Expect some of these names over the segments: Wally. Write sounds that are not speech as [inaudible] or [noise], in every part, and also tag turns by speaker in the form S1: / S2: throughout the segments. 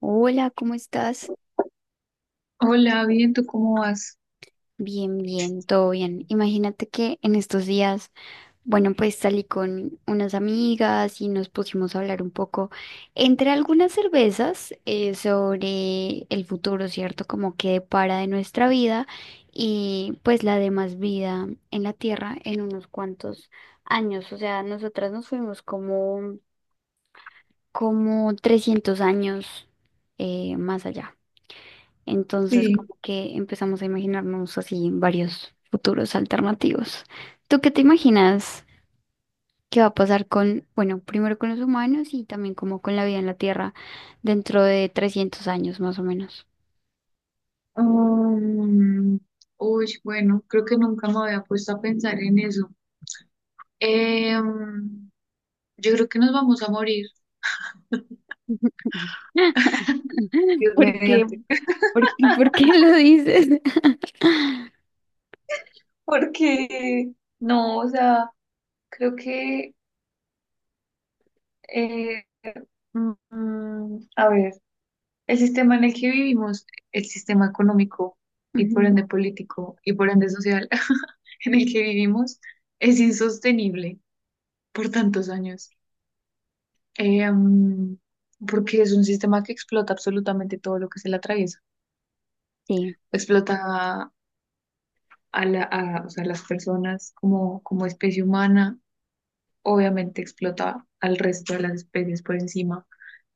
S1: Hola, ¿cómo estás?
S2: Hola, bien, ¿tú cómo vas?
S1: Bien, bien, todo bien. Imagínate que en estos días, bueno, pues salí con unas amigas y nos pusimos a hablar un poco entre algunas cervezas sobre el futuro, ¿cierto? Como que depara de nuestra vida y pues la demás vida en la Tierra en unos cuantos años. O sea, nosotras nos fuimos como 300 años más allá. Entonces,
S2: Sí.
S1: como que empezamos a imaginarnos así varios futuros alternativos. ¿Tú qué te imaginas que va a pasar con, bueno, primero con los humanos y también como con la vida en la Tierra dentro de 300 años más o menos?
S2: Um, Uy, bueno, creo que nunca me había puesto a pensar en eso. Em, yo creo que nos vamos a morir,
S1: [laughs]
S2: Dios
S1: ¿Por qué?
S2: mediante.
S1: ¿Por qué lo dices?
S2: Porque, no, o sea, creo que, eh, a ver, el sistema en el que vivimos, el sistema económico y por
S1: Ujú.
S2: ende político y por ende social [laughs] en el que vivimos, es insostenible por tantos años. Em, Porque es un sistema que explota absolutamente todo lo que se le atraviesa.
S1: Sí.
S2: Explota o sea, las personas como especie humana, obviamente explota al resto de las especies por encima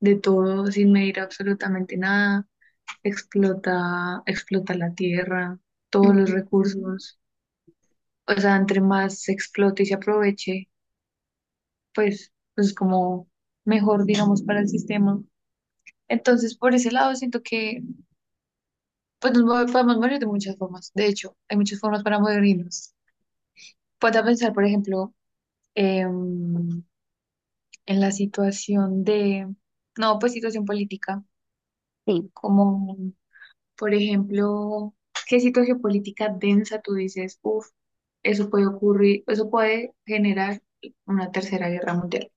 S2: de todo, sin medir absolutamente nada. Explota, explota la tierra, todos los
S1: Ujú, ujú.
S2: recursos. O sea, entre más se explote y se aproveche, pues como mejor, digamos, para el sistema. Entonces, por ese lado, siento que pues podemos morir de muchas formas. De hecho, hay muchas formas para morirnos. Puedo pensar, por ejemplo, em, en la situación no, pues situación política,
S1: Sí.
S2: como, por ejemplo, ¿qué situación política densa tú dices? Uf, eso puede ocurrir, eso puede generar una tercera guerra mundial.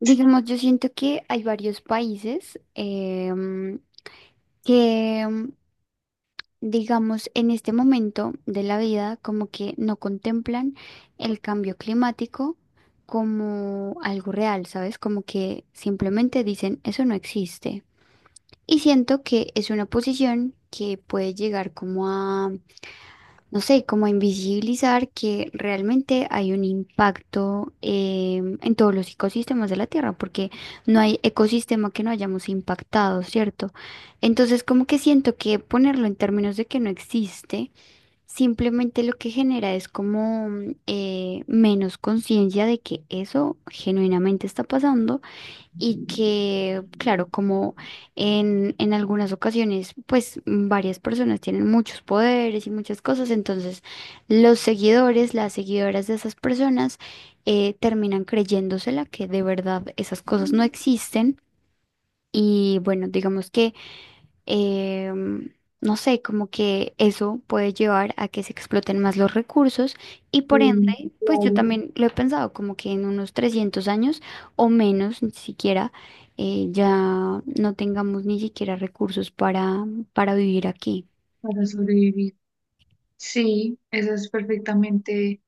S1: Digamos, yo siento que hay varios países que digamos, en este momento de la vida, como que no contemplan el cambio climático como algo real, ¿sabes? Como que simplemente dicen, eso no existe. Y siento que es una posición que puede llegar como a, no sé, como a invisibilizar que realmente hay un impacto en todos los ecosistemas de la Tierra, porque no hay ecosistema que no hayamos impactado, ¿cierto? Entonces, como que siento que ponerlo en términos de que no existe, simplemente lo que genera es como menos conciencia de que eso genuinamente está pasando y que, claro, como en algunas ocasiones, pues varias personas tienen muchos poderes y muchas cosas, entonces los seguidores, las seguidoras de esas personas terminan creyéndosela que de verdad esas cosas no existen. Y bueno, digamos que em, no sé, como que eso puede llevar a que se exploten más los recursos y por
S2: Mm,
S1: ende, pues yo
S2: claro,
S1: también lo he pensado, como que en unos 300 años o menos, ni siquiera, ya no tengamos ni siquiera recursos para, vivir aquí.
S2: para sobrevivir. Sí, esa es perfectamente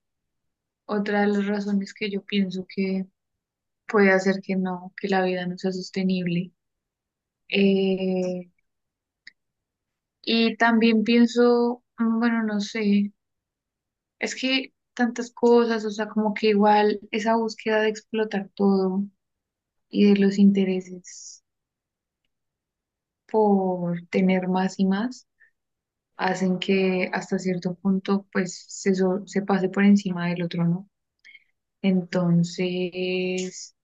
S2: otra de las razones que yo pienso que puede hacer que no, que la vida no sea sostenible. Eh, y también pienso, bueno, no sé, es que tantas cosas, o sea, como que igual esa búsqueda de explotar todo y de los intereses por tener más y más, hacen que hasta cierto punto pues se pase por encima del otro, ¿no? Entonces,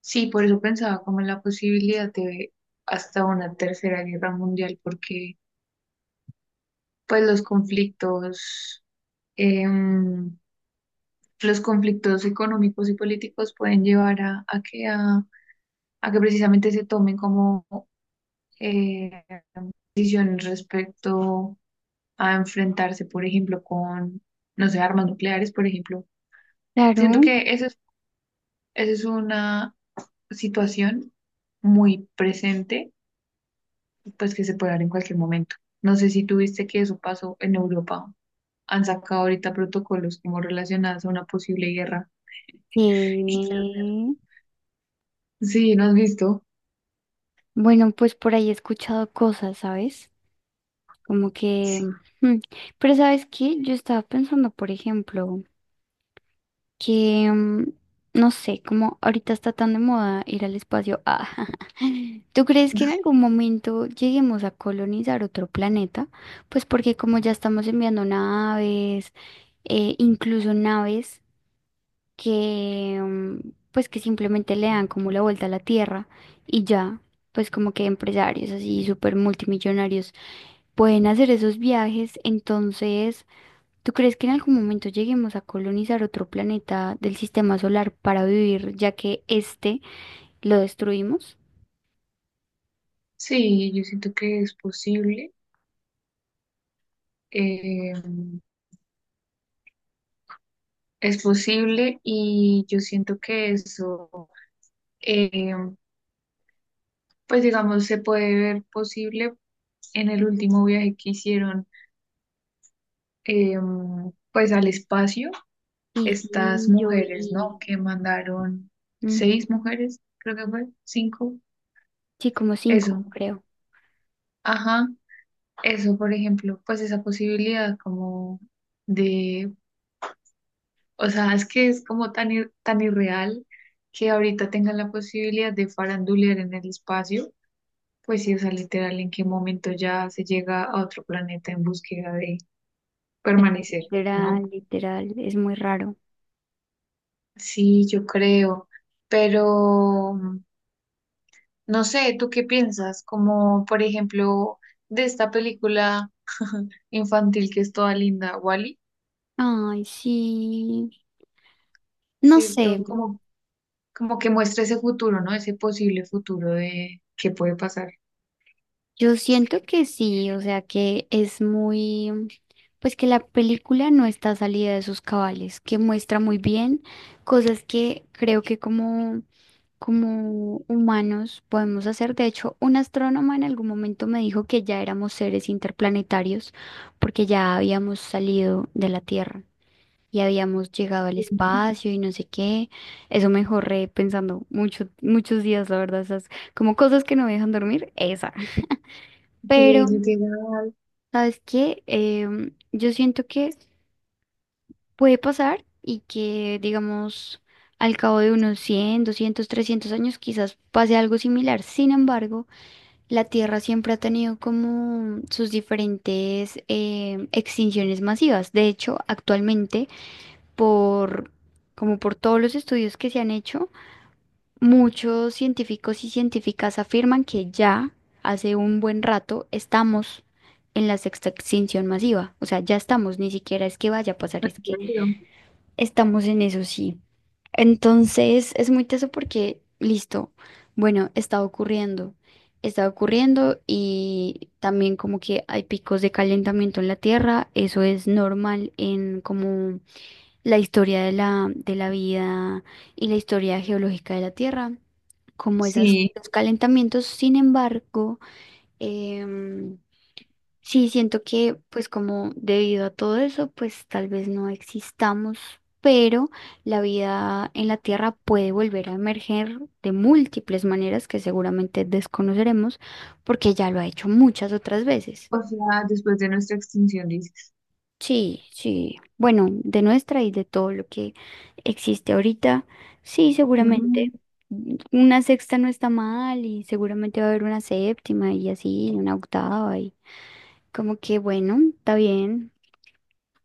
S2: sí, por eso pensaba como en la posibilidad de hasta una tercera guerra mundial, porque pues los conflictos, em, los conflictos económicos y políticos pueden llevar a que precisamente se tomen como eh, decisiones respecto a enfrentarse, por ejemplo, con, no sé, armas nucleares, por ejemplo. Siento
S1: Claro.
S2: que esa es una situación muy presente, pues que se puede dar en cualquier momento. No sé si tuviste que eso pasó en Europa, han sacado ahorita protocolos como relacionados a una posible guerra.
S1: Que.
S2: Y que- Sí, ¿no has visto?
S1: Bueno, pues por ahí he escuchado cosas, ¿sabes? Como que...
S2: Sí.
S1: mm, Pero ¿sabes qué? Yo estaba pensando, por ejemplo, que, no sé, como ahorita está tan de moda ir al espacio. Ah, [laughs] ¿tú crees que en algún momento lleguemos a colonizar otro planeta? Pues porque como ya estamos enviando naves, incluso naves que, pues que simplemente le dan como la vuelta a la Tierra y ya. Pues como que empresarios así súper multimillonarios pueden hacer esos viajes, entonces ¿tú crees que en algún momento lleguemos a colonizar otro planeta del sistema solar para vivir, ya que este lo destruimos?
S2: Sí, yo siento que es posible. eh, es posible y yo siento que eso, eh, pues digamos, se puede ver posible en el último viaje que hicieron, eh, pues al espacio,
S1: Y
S2: estas
S1: sí, yo
S2: mujeres,
S1: vi.
S2: ¿no? Que mandaron
S1: Ujú.
S2: seis mujeres, creo que fue, cinco,
S1: Sí, como
S2: eso.
S1: cinco, creo.
S2: Ajá. Eso, por ejemplo, pues esa posibilidad como de, o sea, es que es como tan irreal que ahorita tengan la posibilidad de farandulear en el espacio, pues sí, o sea, literal, en qué momento ya se llega a otro planeta en búsqueda de
S1: Es que
S2: permanecer, ¿no?
S1: literal, literal, es muy raro.
S2: Sí, yo creo, pero no sé, ¿tú qué piensas? Como, por ejemplo, de esta película infantil que es toda linda, Wally,
S1: Ay, sí, no
S2: ¿cierto?
S1: sé.
S2: Como como que muestra ese futuro, ¿no? Ese posible futuro de qué puede pasar.
S1: Yo siento que sí, o sea que es muy, pues que la película no está salida de sus cabales, que muestra muy bien cosas que creo que como, humanos podemos hacer. De hecho, un astrónoma en algún momento me dijo que ya éramos seres interplanetarios porque ya habíamos salido de la Tierra y habíamos llegado al espacio y no sé qué. Eso me jorré pensando mucho, muchos días, la verdad, esas como cosas que no me dejan dormir, esa.
S2: Sí,
S1: Pero
S2: literal.
S1: ¿sabes qué? Yo siento que puede pasar y que, digamos, al cabo de unos 100, 200, 300 años quizás pase algo similar. Sin embargo, la Tierra siempre ha tenido como sus diferentes extinciones masivas. De hecho, actualmente, por, como por todos los estudios que se han hecho, muchos científicos y científicas afirman que ya hace un buen rato estamos en la sexta extinción masiva. O sea, ya estamos, ni siquiera es que vaya a pasar, es que
S2: Claro.
S1: estamos en eso sí. Entonces es muy teso porque, listo, bueno, está ocurriendo y también como que hay picos de calentamiento en la Tierra, eso es normal en como la historia de la vida y la historia geológica de la Tierra, como esas,
S2: Sí,
S1: los calentamientos. Sin embargo, em, sí siento que, pues como debido a todo eso, pues tal vez no existamos, pero la vida en la Tierra puede volver a emerger de múltiples maneras que seguramente desconoceremos porque ya lo ha hecho muchas otras veces.
S2: o sea, después de nuestra extinción, dices.
S1: Sí, sí. Bueno, de nuestra y de todo lo que existe ahorita, sí, seguramente.
S2: Ujú.
S1: Una sexta no está mal y seguramente va a haber una séptima y así, una octava y como que bueno, está bien.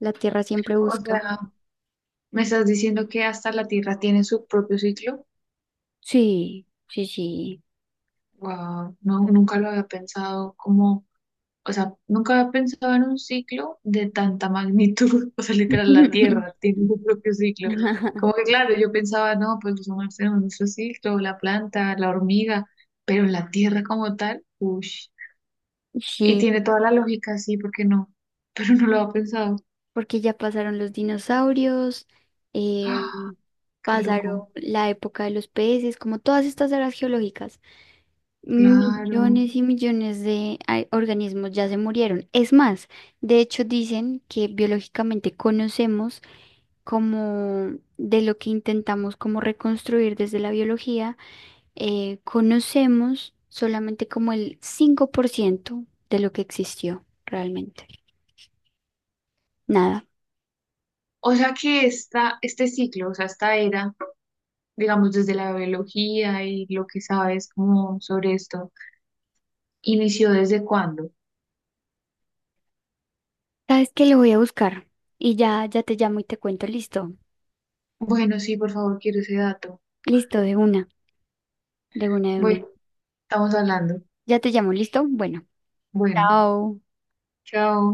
S1: La Tierra siempre
S2: O
S1: busca.
S2: sea, me estás diciendo que hasta la Tierra tiene su propio ciclo.
S1: Sí, sí, sí.
S2: Wow, no, nunca lo había pensado como. O sea, nunca había pensado en un ciclo de tanta magnitud. [laughs] O sea, literal, la Tierra
S1: [laughs]
S2: tiene su propio ciclo. Como que claro, yo pensaba, no, pues los humanos tenemos nuestro ciclo, la planta, la hormiga, pero la Tierra como tal, uff. Y
S1: Sí,
S2: tiene toda la lógica, sí, ¿porque no? [laughs] Pero no lo había pensado.
S1: porque ya pasaron los dinosaurios, eh,
S2: ¡Ah! ¡Qué
S1: pasaron
S2: loco!
S1: la época de los peces, como todas estas eras geológicas.
S2: Claro.
S1: Millones y millones de organismos ya se murieron. Es más, de hecho dicen que biológicamente conocemos como de lo que intentamos como reconstruir desde la biología, conocemos solamente como el 5% de lo que existió realmente. Nada.
S2: O sea que esta, este ciclo, o sea, esta era, digamos, desde la biología y lo que sabes como sobre esto, ¿inició desde cuándo?
S1: ¿Sabes que lo voy a buscar y ya, ya te llamo y te cuento? Listo.
S2: Bueno, sí, por favor, quiero ese dato.
S1: Listo, de una, de una, de
S2: Bueno,
S1: una.
S2: estamos hablando.
S1: Ya te llamo, ¿listo? Bueno.
S2: Bueno,
S1: Chao.
S2: chao.